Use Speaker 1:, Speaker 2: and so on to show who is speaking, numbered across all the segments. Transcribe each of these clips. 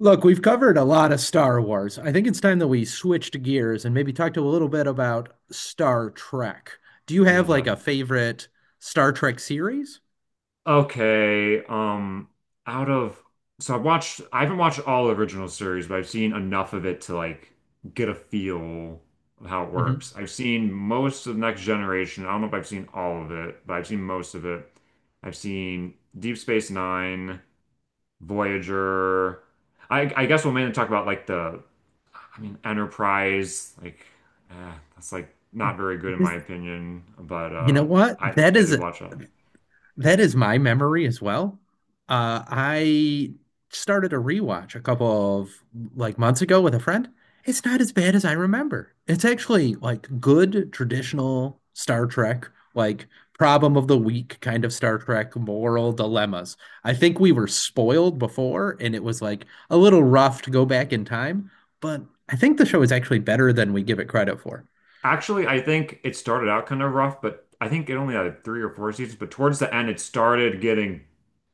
Speaker 1: Look, we've covered a lot of Star Wars. I think it's time that we switched gears and maybe talked a little bit about Star Trek. Do you have like
Speaker 2: Yeah.
Speaker 1: a favorite Star Trek series?
Speaker 2: Okay. Out of so I've watched I haven't watched all original series, but I've seen enough of it to like get a feel of how it
Speaker 1: Hmm.
Speaker 2: works. I've seen most of Next Generation. I don't know if I've seen all of it, but I've seen most of it. I've seen Deep Space Nine, Voyager. I guess we'll mainly talk about like the I mean Enterprise, like that's like not very good in my
Speaker 1: Because
Speaker 2: opinion, but
Speaker 1: you know
Speaker 2: uh
Speaker 1: what?
Speaker 2: I I did watch that.
Speaker 1: That is my memory as well. I started a rewatch a couple of like months ago with a friend. It's not as bad as I remember. It's actually like good traditional Star Trek, like problem of the week kind of Star Trek moral dilemmas. I think we were spoiled before and it was like a little rough to go back in time, but I think the show is actually better than we give it credit for.
Speaker 2: Actually, I think it started out kind of rough, but I think it only had three or four seasons. But towards the end, it started getting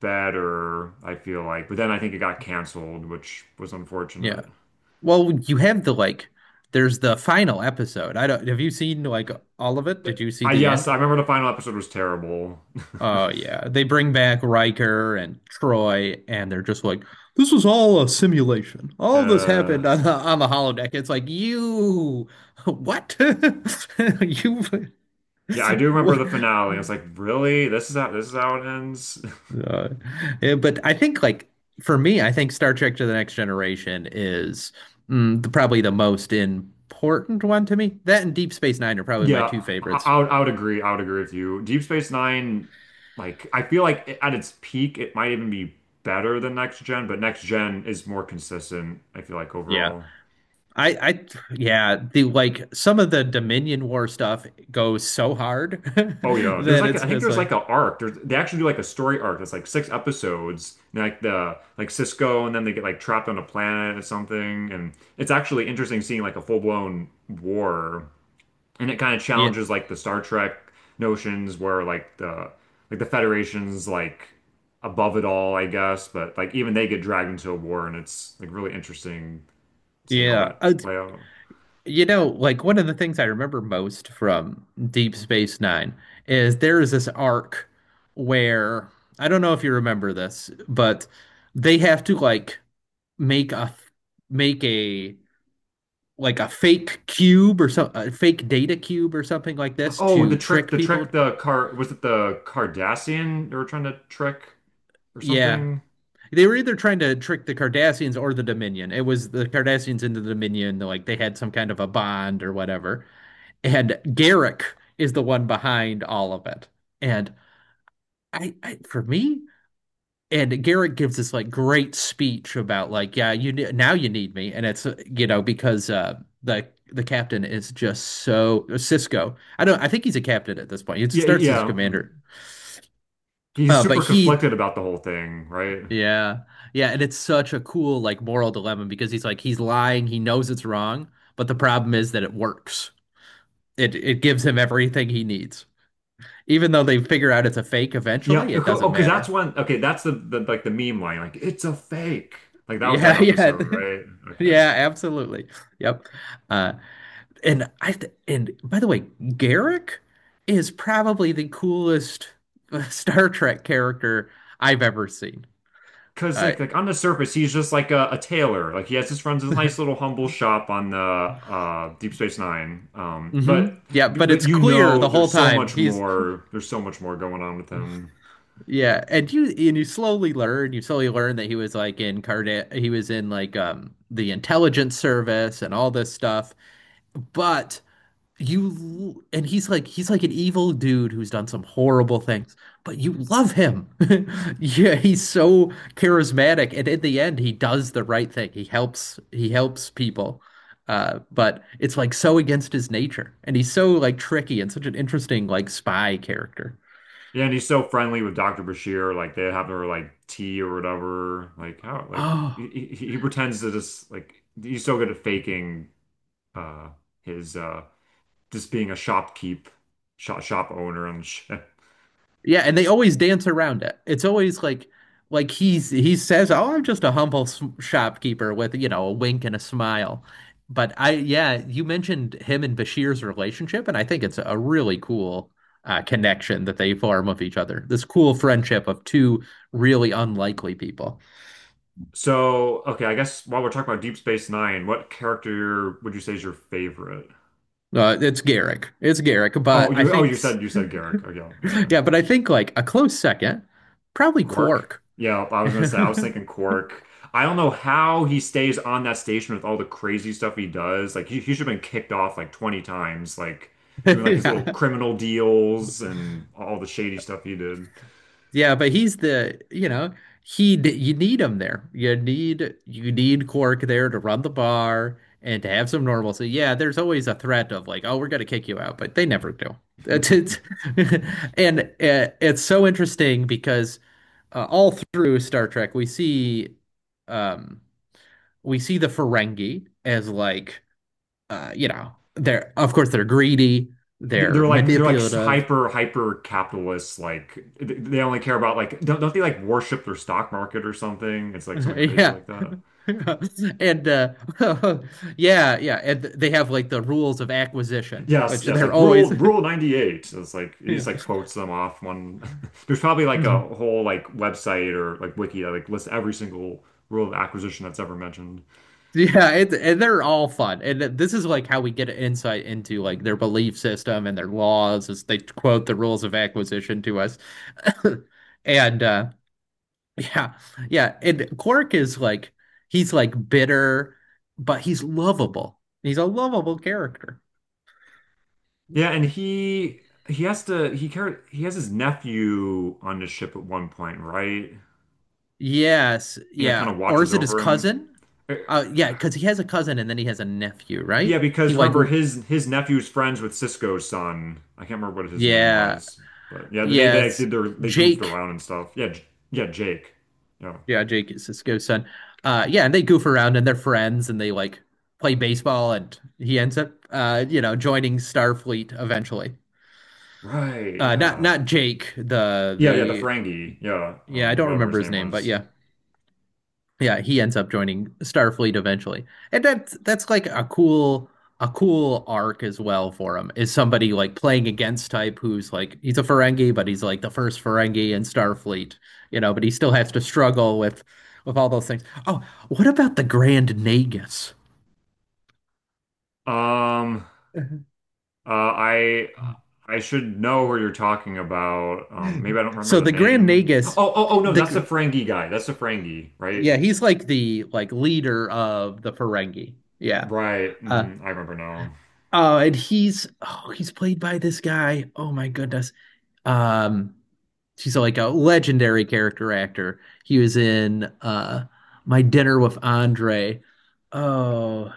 Speaker 2: better, I feel like. But then I think it got canceled, which was
Speaker 1: Yeah.
Speaker 2: unfortunate.
Speaker 1: Well, you have the like there's the final episode. I don't have you seen like all of it?
Speaker 2: Th-
Speaker 1: Did you see
Speaker 2: I
Speaker 1: the
Speaker 2: yes,
Speaker 1: end?
Speaker 2: I remember the final episode was terrible.
Speaker 1: Oh yeah. They bring back Riker and Troy and they're just like this was all a simulation. All this
Speaker 2: Uh,
Speaker 1: happened on the holodeck. It's like you what? You
Speaker 2: yeah, I do remember
Speaker 1: what?
Speaker 2: the finale. I was like, really? This is how it ends?
Speaker 1: Uh, yeah, but I think like for me, I think Star Trek to the Next Generation is mm, the, probably the most important one to me. That and Deep Space Nine are probably my
Speaker 2: Yeah,
Speaker 1: two
Speaker 2: I,
Speaker 1: favorites.
Speaker 2: I would I would agree. I would agree with you. Deep Space Nine, like I feel like it, at its peak, it might even be better than Next Gen, but Next Gen is more consistent, I feel like
Speaker 1: Yeah.
Speaker 2: overall.
Speaker 1: I, I, yeah, the like some of the Dominion War stuff goes so hard
Speaker 2: Oh yeah, there's
Speaker 1: that
Speaker 2: like
Speaker 1: it's
Speaker 2: I think
Speaker 1: just
Speaker 2: there's
Speaker 1: like,
Speaker 2: like an arc. They actually do like a story arc that's like six episodes. And like the like Cisco, and then they get like trapped on a planet or something. And it's actually interesting seeing like a full blown war and it kind of
Speaker 1: yeah,
Speaker 2: challenges like the Star Trek notions where like the Federation's like above it all, I guess, but like even they get dragged into a war and it's like really interesting seeing all
Speaker 1: yeah.
Speaker 2: that play out.
Speaker 1: You know, like one of the things I remember most from Deep Space Nine is there is this arc where I don't know if you remember this, but they have to like make a make a like a fake cube or some a fake data cube or something like this
Speaker 2: Oh, the
Speaker 1: to
Speaker 2: trick
Speaker 1: trick
Speaker 2: the
Speaker 1: people.
Speaker 2: trick the car was it the Cardassian they were trying to trick or
Speaker 1: Yeah.
Speaker 2: something?
Speaker 1: They were either trying to trick the Cardassians or the Dominion. It was the Cardassians and the Dominion, like they had some kind of a bond or whatever. And Garrick is the one behind all of it. And I for me, and Garrick gives this like great speech about like, yeah, you now you need me, and it's you know because the captain is just so Cisco. I don't. I think he's a captain at this point. He
Speaker 2: Yeah,
Speaker 1: starts as a
Speaker 2: yeah. Mhm.
Speaker 1: commander,
Speaker 2: He's
Speaker 1: uh, but
Speaker 2: super
Speaker 1: he,
Speaker 2: conflicted about the whole thing, right?
Speaker 1: yeah, yeah, and it's such a cool like moral dilemma because he's like he's lying. He knows it's wrong, but the problem is that it works. It gives him everything he needs. Even though they figure out it's a fake
Speaker 2: Yeah,
Speaker 1: eventually, it
Speaker 2: oh,
Speaker 1: doesn't
Speaker 2: because that's
Speaker 1: matter.
Speaker 2: one. Okay, that's the like the meme line, like it's a fake. Like that was that
Speaker 1: Yeah, yeah.
Speaker 2: episode, right? Okay.
Speaker 1: Yeah, absolutely. Yep. Uh and by the way, Garrick is probably the coolest Star Trek character I've ever seen.
Speaker 2: Because
Speaker 1: Uh
Speaker 2: like on the surface, he's just like a tailor. Like he has just runs his nice little humble shop on the Deep Space Nine. Um,
Speaker 1: hmm.
Speaker 2: but
Speaker 1: Yeah, but
Speaker 2: but
Speaker 1: it's
Speaker 2: you
Speaker 1: clear the
Speaker 2: know,
Speaker 1: whole
Speaker 2: there's so
Speaker 1: time.
Speaker 2: much
Speaker 1: He's
Speaker 2: more. There's so much more going on with him.
Speaker 1: yeah, and you slowly learn, you slowly learn that he was like in Carda he was in like the intelligence service and all this stuff. But you and he's like an evil dude who's done some horrible things, but you love him. Yeah, he's so charismatic, and in the end, he does the right thing. He helps people, but it's like so against his nature, and he's so like tricky and such an interesting like spy character.
Speaker 2: Yeah, and he's so friendly with Dr. Bashir. Like they have their like tea or whatever. Like how like
Speaker 1: Oh.
Speaker 2: he, he he pretends to just like he's so good at faking uh his just being a shop owner and shit.
Speaker 1: Yeah, and they always dance around it. It's always like he's he says, "Oh, I'm just a humble s- shopkeeper with, you know, a wink and a smile." But I yeah, you mentioned him and Bashir's relationship, and I think it's a really cool connection that they form with each other. This cool friendship of two really unlikely people.
Speaker 2: So, okay, I guess while we're talking about Deep Space Nine, what character would you say is your favorite?
Speaker 1: It's Garrick. It's Garrick,
Speaker 2: Oh,
Speaker 1: but I
Speaker 2: you oh
Speaker 1: think
Speaker 2: you
Speaker 1: s-
Speaker 2: said you said Garrick. Okay, okay.
Speaker 1: yeah, but I think like a close second, probably
Speaker 2: Quark?
Speaker 1: Quark.
Speaker 2: Yeah, I was gonna say I was thinking Quark. I don't know how he stays on that station with all the crazy stuff he does. Like he should have been kicked off like 20 times, like doing like his little
Speaker 1: Yeah.
Speaker 2: criminal deals and all the shady stuff he did.
Speaker 1: Yeah, but he's the, you know, he d- you need him there. You need Cork there to run the bar and to have some normalcy. Yeah, there's always a threat of like, oh, we're gonna kick you out, but they never do. It's and it's so interesting because all through Star Trek um we see the Ferengi as like you know, they're of course they're greedy, they're
Speaker 2: They're like they're like
Speaker 1: manipulative.
Speaker 2: hyper capitalists like they only care about like don't they like worship their stock market or something? It's like something crazy
Speaker 1: Yeah.
Speaker 2: like that.
Speaker 1: And yeah, yeah, and they have like the rules of acquisition,
Speaker 2: Yes,
Speaker 1: which
Speaker 2: yes,
Speaker 1: they're
Speaker 2: like
Speaker 1: always
Speaker 2: rule 98. So it's like he
Speaker 1: yeah.
Speaker 2: just like quotes them off one. There's probably like
Speaker 1: Mhm.
Speaker 2: a whole like website or like wiki that like lists every single rule of acquisition that's ever mentioned.
Speaker 1: Yeah, it, and they're all fun. And th- this is like how we get an insight into like their belief system and their laws as they quote the rules of acquisition to us. And yeah, yeah, and Quark is like he's like bitter, but he's lovable. He's a lovable character.
Speaker 2: Yeah, and he has to he care he has his nephew on the ship at one point, right?
Speaker 1: Yes,
Speaker 2: Yeah, kind
Speaker 1: yeah.
Speaker 2: of
Speaker 1: Or is
Speaker 2: watches
Speaker 1: it his
Speaker 2: over him.
Speaker 1: cousin?
Speaker 2: Eh,
Speaker 1: Yeah, because he has a cousin and then he has a nephew, right?
Speaker 2: Yeah,
Speaker 1: He
Speaker 2: because
Speaker 1: like,
Speaker 2: remember
Speaker 1: w-
Speaker 2: his nephew's friends with Cisco's son. I can't remember what his name
Speaker 1: yeah,
Speaker 2: was, but yeah,
Speaker 1: yeah.
Speaker 2: they
Speaker 1: It's
Speaker 2: did their they goofed
Speaker 1: Jake.
Speaker 2: around and stuff. Yeah. Yeah, Jake. Yeah,
Speaker 1: Yeah, Jake is Cisco's son. Yeah, and they goof around and they're friends and they like play baseball and he ends up, you know, joining Starfleet eventually.
Speaker 2: right.
Speaker 1: Not
Speaker 2: Yeah,
Speaker 1: not Jake,
Speaker 2: yeah. The
Speaker 1: the
Speaker 2: Ferengi. Yeah,
Speaker 1: yeah, I don't
Speaker 2: whatever
Speaker 1: remember
Speaker 2: his
Speaker 1: his
Speaker 2: name
Speaker 1: name, but
Speaker 2: was.
Speaker 1: yeah. Yeah, he ends up joining Starfleet eventually. And that's like a cool arc as well for him. Is somebody like playing against type who's like he's a Ferengi, but he's like the first Ferengi in Starfleet, you know, but he still has to struggle with all those things. Oh, what about the Grand Nagus?
Speaker 2: Um, uh, I I should know who you're talking about. Maybe I don't remember
Speaker 1: So
Speaker 2: the
Speaker 1: the Grand
Speaker 2: name. Oh,
Speaker 1: Nagus,
Speaker 2: oh, oh no, that's the
Speaker 1: the
Speaker 2: Ferengi guy. That's the Ferengi, right?
Speaker 1: yeah, he's like the like leader of the Ferengi. Yeah.
Speaker 2: Right.
Speaker 1: Uh
Speaker 2: Hmm, I remember now.
Speaker 1: oh, and he's Oh, he's played by this guy. Oh my goodness. Um, she's like a legendary character actor. He was in My Dinner with Andre. Oh,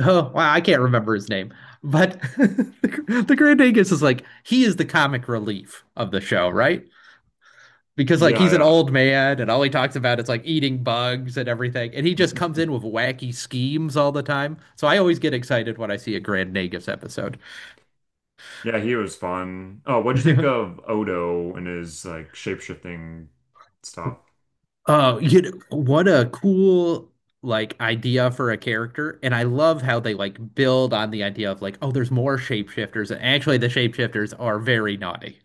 Speaker 1: oh, wow, I can't remember his name. But the Grand Angus is like he is the comic relief of the show, right? Because like he's an
Speaker 2: Yeah,
Speaker 1: old man and all he talks about is like eating bugs and everything, and he
Speaker 2: yeah.
Speaker 1: just comes in with wacky schemes all the time. So I always get excited when I see a Grand Nagus episode.
Speaker 2: Yeah, he was fun. Oh, what'd you think of Odo and his like shape-shifting
Speaker 1: Yeah.
Speaker 2: stuff?
Speaker 1: Oh, you know, what a cool like idea for a character. And I love how they like build on the idea of like, oh, there's more shapeshifters. And actually the shapeshifters are very naughty.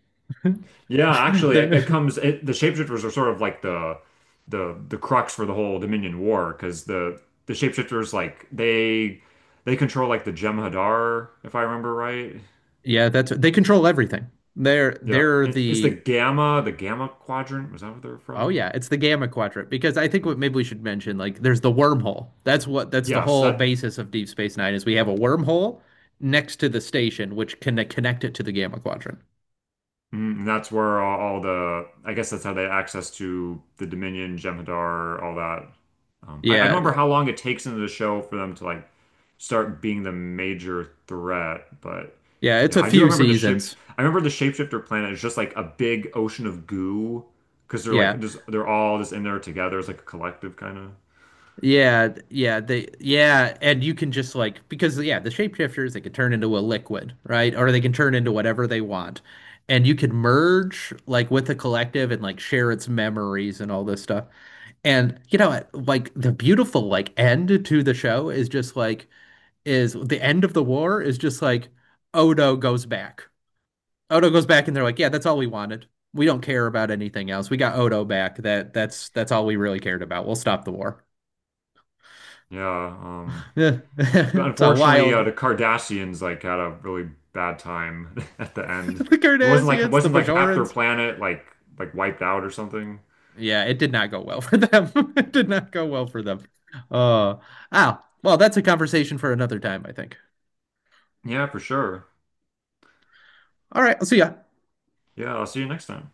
Speaker 2: Yeah, actually,
Speaker 1: They're
Speaker 2: the shapeshifters are sort of like the crux for the whole Dominion War because the shapeshifters like they control like the Jem'Hadar, if I remember right.
Speaker 1: yeah, that's they control everything. They're
Speaker 2: Yeah,
Speaker 1: they're
Speaker 2: it's the
Speaker 1: the
Speaker 2: Gamma, the Gamma Quadrant. Was that where they're
Speaker 1: oh
Speaker 2: from?
Speaker 1: yeah, it's the Gamma Quadrant because I think
Speaker 2: Hmm.
Speaker 1: what maybe we should mention like there's the wormhole. That's what that's the
Speaker 2: Yes,
Speaker 1: whole
Speaker 2: that.
Speaker 1: basis of Deep Space Nine is we have a wormhole next to the station which can connect it to the Gamma Quadrant.
Speaker 2: Mm, and that's where all the, I guess that's how they had access to the Dominion, Jem'Hadar, all that. I don't
Speaker 1: Yeah,
Speaker 2: remember
Speaker 1: th-
Speaker 2: how long it takes into the show for them to like start being the major threat, but
Speaker 1: yeah, it's
Speaker 2: yeah,
Speaker 1: a
Speaker 2: I do
Speaker 1: few
Speaker 2: remember the shape.
Speaker 1: seasons.
Speaker 2: I remember the shapeshifter planet is just like a big ocean of goo because they're like
Speaker 1: Yeah.
Speaker 2: just they're all just in there together. It's like a collective kind of.
Speaker 1: Yeah, yeah, they yeah, and you can just like because yeah, the shapeshifters they can turn into a liquid, right? Or they can turn into whatever they want. And you can merge like with the collective and like share its memories and all this stuff. And you know, like the beautiful like end to the show is just like is the end of the war is just like Odo goes back. Odo goes back and they're like, "Yeah, that's all we wanted. We don't care about anything else. We got Odo back. That's all we really cared about. We'll stop the war."
Speaker 2: Yeah.
Speaker 1: it's a
Speaker 2: Unfortunately,
Speaker 1: wild.
Speaker 2: the Cardassians like had a really bad time at the end.
Speaker 1: the
Speaker 2: It wasn't like it
Speaker 1: Cardassians, the
Speaker 2: wasn't like half their
Speaker 1: Bajorans.
Speaker 2: planet like wiped out or something.
Speaker 1: Yeah, it did not go well for them. it did not go well for them. Uh, well, that's a conversation for another time, I think.
Speaker 2: Yeah, for sure.
Speaker 1: All right, I'll see ya.
Speaker 2: Yeah, I'll see you next time.